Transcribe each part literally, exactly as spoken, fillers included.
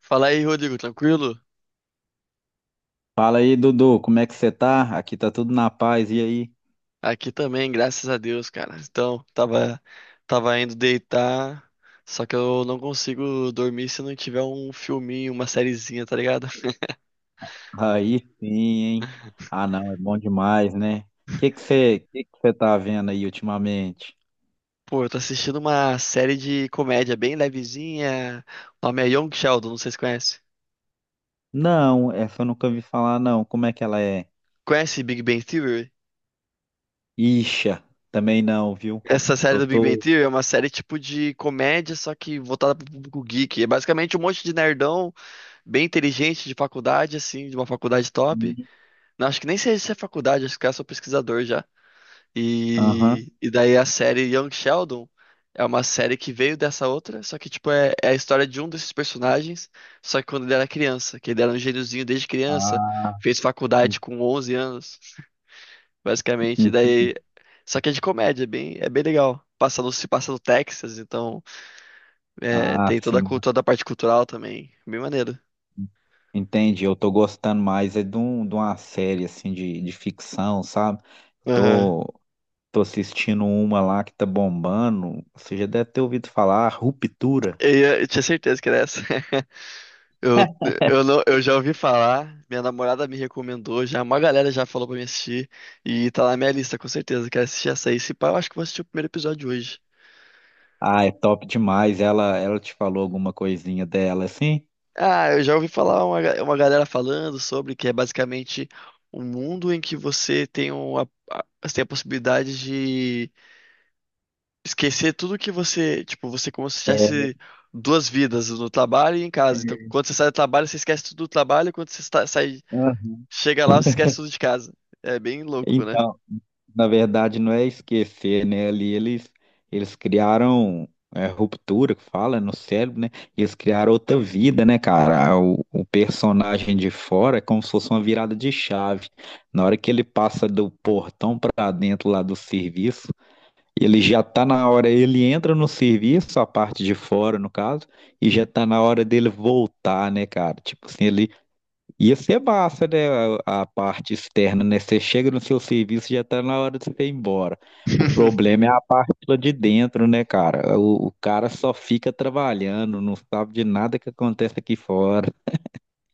Fala aí, Rodrigo, tranquilo? Fala aí, Dudu, como é que você tá? Aqui tá tudo na paz, e aí? Aqui também, graças a Deus, cara. Então, tava, tava indo deitar, só que eu não consigo dormir se não tiver um filminho, uma sériezinha, tá ligado? Aí sim, hein? Ah, não, é bom demais, né? O que que você, que que você tá vendo aí ultimamente? Pô, eu tô assistindo uma série de comédia bem levezinha. O nome é Young Sheldon, não sei se conhece. Não, essa eu nunca ouvi falar, não. Como é que ela é? Conhece Big Bang Theory? Ixa, também não, viu? Essa série Eu do Big Bang tô. Theory é uma série tipo de comédia, só que voltada pro público geek. É basicamente um monte de nerdão bem inteligente de faculdade, assim, de uma faculdade top. Hum, Não, acho que nem sei se é faculdade, acho que é só pesquisador já. Aham. E, e daí a série Young Sheldon é uma série que veio dessa outra, só que tipo é, é a história de um desses personagens, só que quando ele era criança, que ele era um gêniozinho desde criança, Ah, fez en- faculdade com onze anos, basicamente. E entendi. daí, só que é de comédia, é bem, é bem legal. Passa no, se passa no Texas, então é, Ah, tem toda a sim. cultura, toda a parte cultural também, bem maneiro. Entendi, eu tô gostando mais é de, um, de uma série assim de, de ficção, sabe? Eu Aham. tô, Tô assistindo uma lá que tá bombando. Você já deve ter ouvido falar, Ruptura. Eu, ia- eu tinha certeza que era essa. Eu, eu, não, eu já ouvi falar, minha namorada me recomendou, já uma galera já falou pra me assistir, e tá na minha lista, com certeza. Quero assistir essa aí. Se pá, eu acho que vou assistir o primeiro episódio hoje. Ah, é top demais. Ela, ela te falou alguma coisinha dela, assim? Ah, eu já ouvi falar uma, ga- uma galera falando sobre que é basicamente um mundo em que você tem, uma, a- você tem a possibilidade de esquecer tudo que você. Tipo, você é como se É. tivesse duas vidas, no trabalho e em casa. Então, quando você sai do trabalho, você esquece tudo do trabalho, quando você sa- sai, Ela- chega lá, você esquece tudo de casa. É bem louco, né? Então, na verdade, não é esquecer, né? Ali eles, eles criaram, é, ruptura, que fala, é no cérebro, né? Eles criaram outra vida, né, cara? O, o personagem de fora é como se fosse uma virada de chave. Na hora que ele passa do portão pra dentro lá do serviço, ele já está na hora, ele entra no serviço, a parte de fora, no caso, e já está na hora dele voltar, né, cara? Tipo assim, ele ia ser massa, né, a, a parte externa, né? Você chega no seu serviço, já está na hora de você ir embora. O problema é a parte lá de dentro, né, cara? O, o cara só fica trabalhando, não sabe de nada que acontece aqui fora.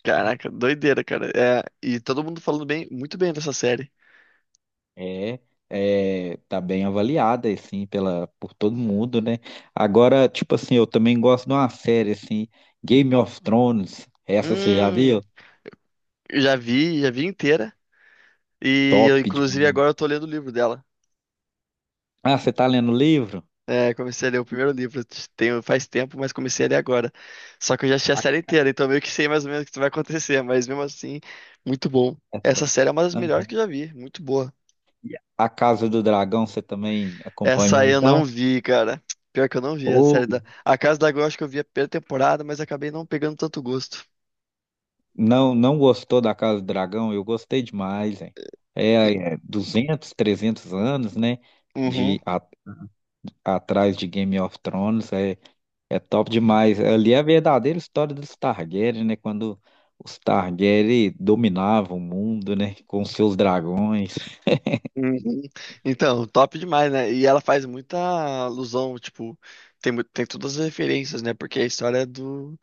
Caraca, doideira, cara. É, e todo mundo falando bem, muito bem dessa série. É, é, tá bem avaliada, assim, pela, por todo mundo, né? Agora, tipo assim, eu também gosto de uma série, assim, Game of Thrones. Essa você já Hum, viu? já vi, já vi inteira. E eu, Top inclusive, demais. agora eu tô lendo o livro dela. Ah, você tá lendo o livro? É, comecei a ler o primeiro livro, tem faz tempo, mas comecei a ler agora. Só que eu já assisti a Ah, série inteira, então meio que sei mais ou menos o que vai acontecer, mas mesmo assim, muito bom. é Essa top. série é uma das Ah, melhores que eu já vi, muito boa. A Casa do Dragão, você também Essa acompanhou, aí eu não então? vi, cara. Pior que eu não vi a Ou série da. A Casa da Gol, acho que eu vi a primeira temporada, mas acabei não pegando tanto gosto. não, não gostou da Casa do Dragão? Eu gostei demais, hein? É, é duzentos, trezentos anos, né? Uhum. De a- atrás de Game of Thrones, é É top demais. Ali é a verdadeira história dos Targaryen, né? Quando os Targaryen dominavam o mundo, né? Com seus dragões. Uhum. Então, top demais, né? E ela faz muita alusão, tipo, tem, mu- tem todas as referências, né? Porque a história é do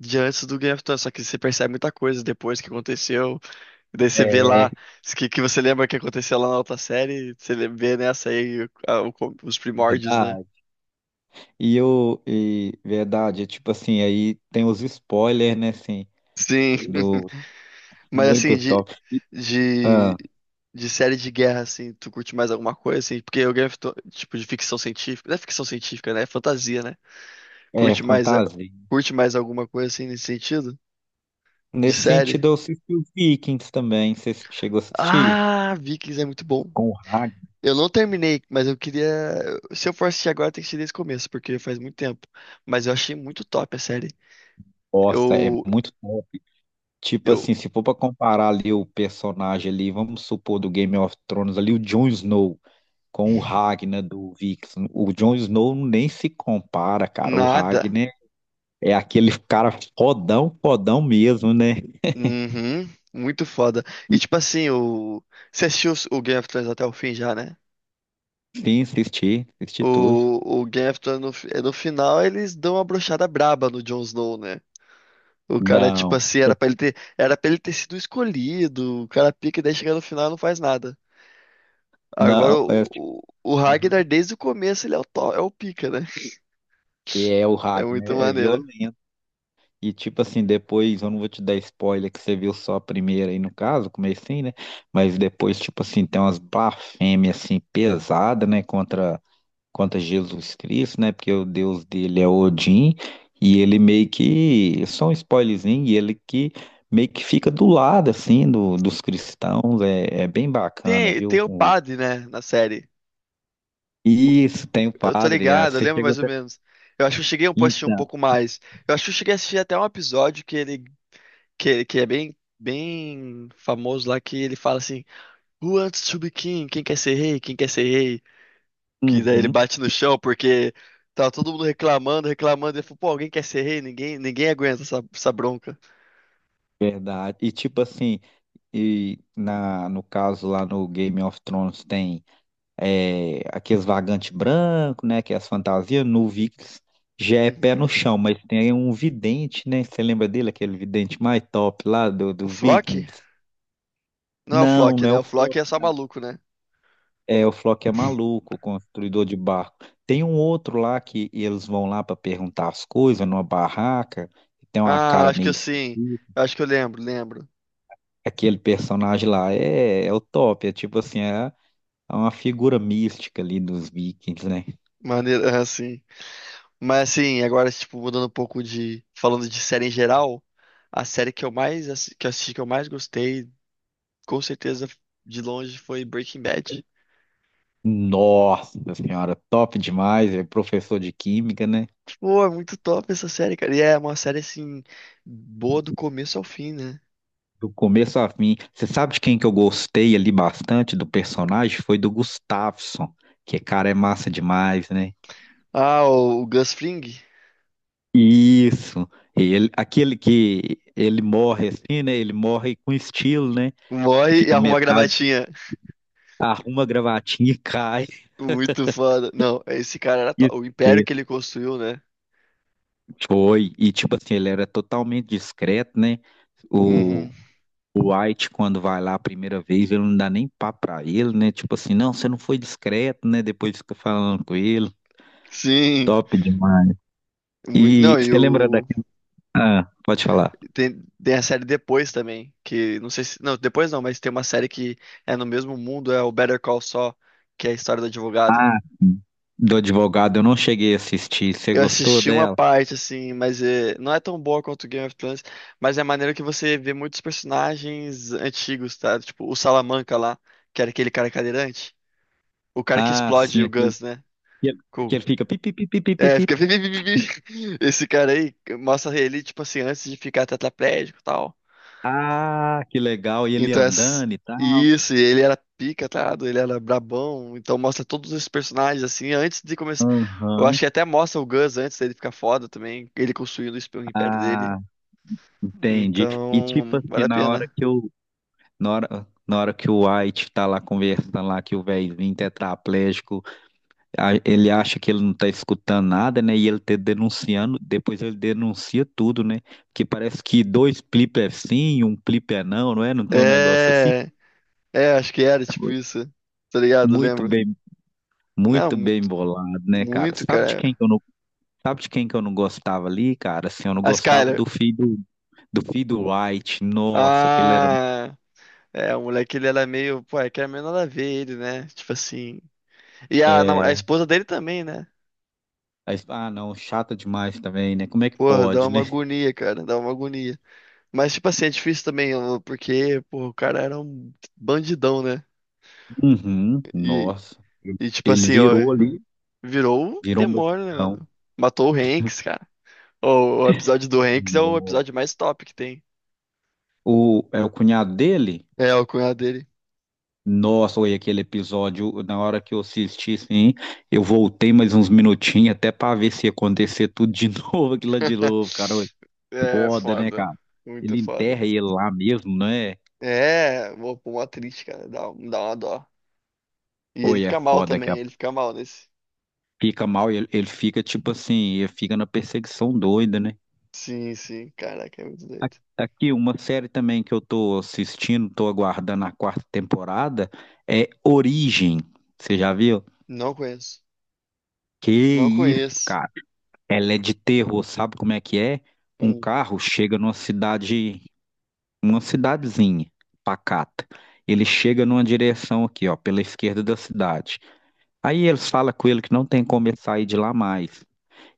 de antes do Game of Thrones, só que você percebe muita coisa depois que aconteceu, e daí você vê É lá que, que você lembra que aconteceu lá na outra série, você lê- vê nessa aí o- a- o com- os primórdios, né? verdade. E eu, e verdade, é tipo assim, aí tem os spoilers, né? Assim, Sim. do Mas assim, muito de, top. E, de, ah, de série de guerra, assim, tu curte mais alguma coisa, assim? Porque o Game of Thrones, tipo, de ficção científica, não é ficção científica, né? É fantasia, né? é Curte mais, a- fantasia. curte mais alguma coisa assim nesse sentido? De Nesse série? sentido, eu assisti os Vikings também. Você chegou a assistir? Ah, Vikings é muito bom. Com o Ragnar. Eu não terminei, mas eu queria. Se eu for assistir agora, tem que ser desde o começo, porque faz muito tempo. Mas eu achei muito top a série. Nossa, é Eu. muito top. Tipo Eu. assim, se for pra comparar ali o personagem ali, vamos supor do Game of Thrones ali, o Jon Snow com o Ragnar do Vikings. O Jon Snow nem se compara, cara. O Nada. Ragnar é aquele cara fodão, fodão mesmo, né? Uhum. Muito foda. E tipo assim, o. Você assistiu os- o Game of Thrones até o fim já, né? Sim, assisti, assisti tudo. O, o Game of Thrones, no, fi- no final, eles dão uma brochada braba no Jon Snow, né? O cara, tipo Não, assim, era pra ele ter, era pra ele ter sido escolhido. O cara pica e daí chega no final e não faz nada. Agora não, é, o, tipo, o, o aham. Ragnar, desde o começo, ele é o, to- é o pica, né? E é o É Ragnar, muito é maneiro. violento. E tipo assim, depois, eu não vou te dar spoiler que você viu só a primeira aí no caso, comecei, né? Mas depois, tipo assim, tem umas blasfêmias assim pesadas, né, contra contra Jesus Cristo, né? Porque o Deus dele é Odin, e ele meio que só um spoilerzinho, e ele que meio que fica do lado assim do, dos cristãos, é, é bem bacana, Tem, tem viu? o O- padre, né, na série. isso, tem o Eu tô padre, ah, ligado, eu você lembro chegou mais ou até. menos. Eu acho que eu cheguei a assistir um Então, pouco mais. Eu acho que eu cheguei a assistir até um episódio que ele, que, que é bem, bem famoso lá, que ele fala assim: Who wants to be king? Quem quer ser rei? Quem quer ser rei? Que daí ele uhum, bate no chão porque tava todo mundo reclamando, reclamando. Ele falou, pô, alguém quer ser rei? Ninguém, ninguém aguenta essa, essa bronca. verdade. E tipo assim, E na, no caso lá no Game of Thrones tem, é, aqueles vagantes brancos, né? Que é as fantasias. No Vikings já é pé Uhum. no chão, mas tem um vidente, né? Você lembra dele, aquele vidente mais top lá do, O dos Flock? Vikings? Não é o Não, Flock, não é né? o O Flock Flock, é só não. maluco, né? É, o Flock é maluco, construidor de barco. Tem um outro lá que eles vão lá para perguntar as coisas numa barraca, tem uma Ah, cara acho que meio assim. esquisita. Acho que eu lembro, lembro. Aquele personagem lá é, é o top, é tipo assim, é É uma figura mística ali dos Vikings, né? Maneiro, assim. Mas assim, agora, tipo, mudando um pouco de. Falando de série em geral, a série que eu mais assi- que eu assisti, que eu mais gostei, com certeza, de longe, foi Breaking Bad. Nossa senhora, top demais. É professor de química, né? Pô, é muito top essa série, cara. E é uma série, assim, boa do começo ao fim, né? Do começo a fim. Você sabe de quem que eu gostei ali bastante do personagem? Foi do Gustafsson, que cara é massa demais, né? Ah, o, o Gus Fring Isso. Ele, aquele que ele morre assim, né? Ele morre com estilo, né? morre e Fica arruma a metade, gravatinha. arruma a gravatinha e cai. Muito foda. Não, esse cara era E to- o império que ele construiu, né? foi. E tipo assim, ele era totalmente discreto, né? Uhum. O, O White, quando vai lá a primeira vez, ele não dá nem papo pra ele, né? Tipo assim, não, você não foi discreto, né? Depois fica falando com ele. Sim. Top demais. Mui- Não, E e você lembra o. daquela. Ah, pode falar. Tem, tem a série depois também. Que não sei se. Não, depois não, mas tem uma série que é no mesmo mundo, é o Better Call Saul, que é a história do advogado. Do advogado, eu não cheguei a assistir. Você Eu gostou assisti uma dela? parte, assim, mas é, não é tão boa quanto Game of Thrones, mas é maneiro que você vê muitos personagens antigos, tá? Tipo, o Salamanca lá, que era aquele cara cadeirante. O cara que Ah, explode sim, o aquele Gus, né? que ele que Cool. ele fica pi, pi, pi, pi, pi, pi, É, pi. fica. vi, vi, vi, vi, vi. Esse cara aí mostra ele, tipo assim, antes de ficar tetraplégico e tal. Ah, que legal. E ele Então, ess- andando e tal. isso, e ele era pica, tá ligado? Ele era brabão. Então, mostra todos os personagens, assim, antes de começar. Eu Aham. acho que até mostra o Gus antes dele ficar foda também. Ele construindo o esp- o império dele. Ah, entendi. E tipo Então, assim, vale a na hora pena. que eu. Na hora, na hora que o White tá lá conversando lá, que o velhinho tetraplégico a- ele acha que ele não está escutando nada, né? E ele tá denunciando, depois ele denuncia tudo, né? Porque parece que dois clipes é sim, um clipe é não, não é? Não tem um negócio assim. É. É, acho que era tipo isso. Tá ligado? Muito Lembra? bem, Não, muito bem muito, bolado, né, cara? muito, Sabe de quem cara. que eu não, sabe de quem que eu não gostava ali, cara? Assim, eu não A gostava Skyler. do filho do, do filho do White. Nossa, aquele era, Ah. É, o moleque, ele era meio, pô, é que era meio nada a ver ele, né? Tipo assim. E a, nam- a é, esposa dele também, né? aí- ah, não, chata demais também, né? Como é que Pô, dá pode, uma né? agonia, cara, dá uma agonia. Mas, tipo assim, é difícil também, ó, porque, pô, o cara era um bandidão, né? Uhum, E, nossa. e tipo Ele assim, ó, virou ali, virou o virou um demônio, né, bandidão. mano? Matou o Hanks, cara. O, o episódio do Hanks é o episódio mais top que tem. O, é o cunhado dele? É, o cunhado dele. Nossa, olha aquele episódio, na hora que eu assisti, sim, eu voltei mais uns minutinhos até para ver se ia acontecer tudo de novo, aquilo lá de novo, cara, oi, É, foda, né, cara? foda. Muito Ele foda. enterra ele lá mesmo, né? É, pô, mó triste, cara. Dá, um, dá uma dó. E ele Oi, é fica mal foda, que também, a- ele fica mal nesse. fica mal, ele, ele fica tipo assim, ele fica na perseguição doida, né? Sim, sim, caraca, é muito doido. Tá aqui, uma série também que eu tô assistindo, tô aguardando a quarta temporada, é Origem, você já viu? Não conheço. Que Não isso, conheço. cara? Ela é de terror, sabe como é que é? Um Hum. carro chega numa cidade, uma cidadezinha pacata. Ele chega numa direção aqui, ó, pela esquerda da cidade. Aí eles falam com ele que não tem como ele sair de lá mais.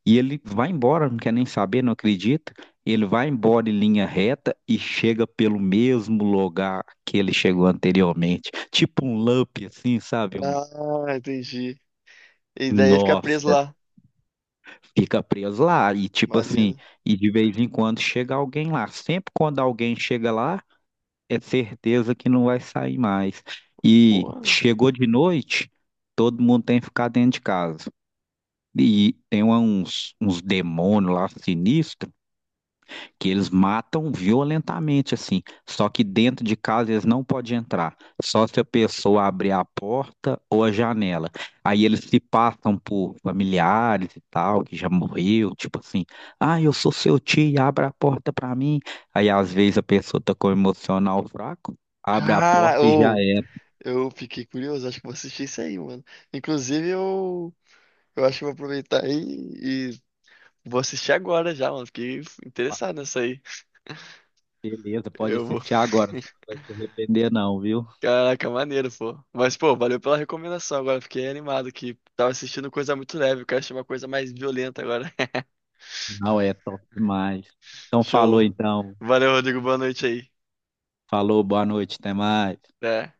E ele vai embora, não quer nem saber, não acredita. Ele vai embora em linha reta e chega pelo mesmo lugar que ele chegou anteriormente. Tipo um loop, assim, sabe? Um... Ah, entendi. E daí ele fica preso Nossa, lá. fica preso lá. E tipo assim, Maneiro. e de vez em quando chega alguém lá. Sempre quando alguém chega lá, é certeza que não vai sair mais. E Pô. chegou de noite, todo mundo tem que ficar dentro de casa. E tem uma- uns, uns demônios lá sinistros que eles matam violentamente, assim. Só que dentro de casa eles não podem entrar, só se a pessoa abrir a porta ou a janela. Aí eles se passam por familiares e tal, que já morreu, tipo assim, ah, eu sou seu tio, abre a porta pra mim. Aí às vezes a pessoa tá com o emocional fraco, abre a Cara, porta e já ou era. eu fiquei curioso, acho que vou assistir isso aí, mano. Inclusive, eu, eu acho que vou aproveitar aí e vou assistir agora já, mano. Fiquei Fala, interessado nessa aí. beleza, pode Eu vou. assistir agora, você não vai se arrepender não, viu? Caraca, maneiro, pô. Mas, pô, valeu pela recomendação agora. Fiquei animado que tava assistindo coisa muito leve. Eu quero assistir uma coisa mais violenta agora. Não, é top demais. Então falou Show. então, Valeu, Rodrigo. Boa noite aí. falou, boa noite, até mais. Até.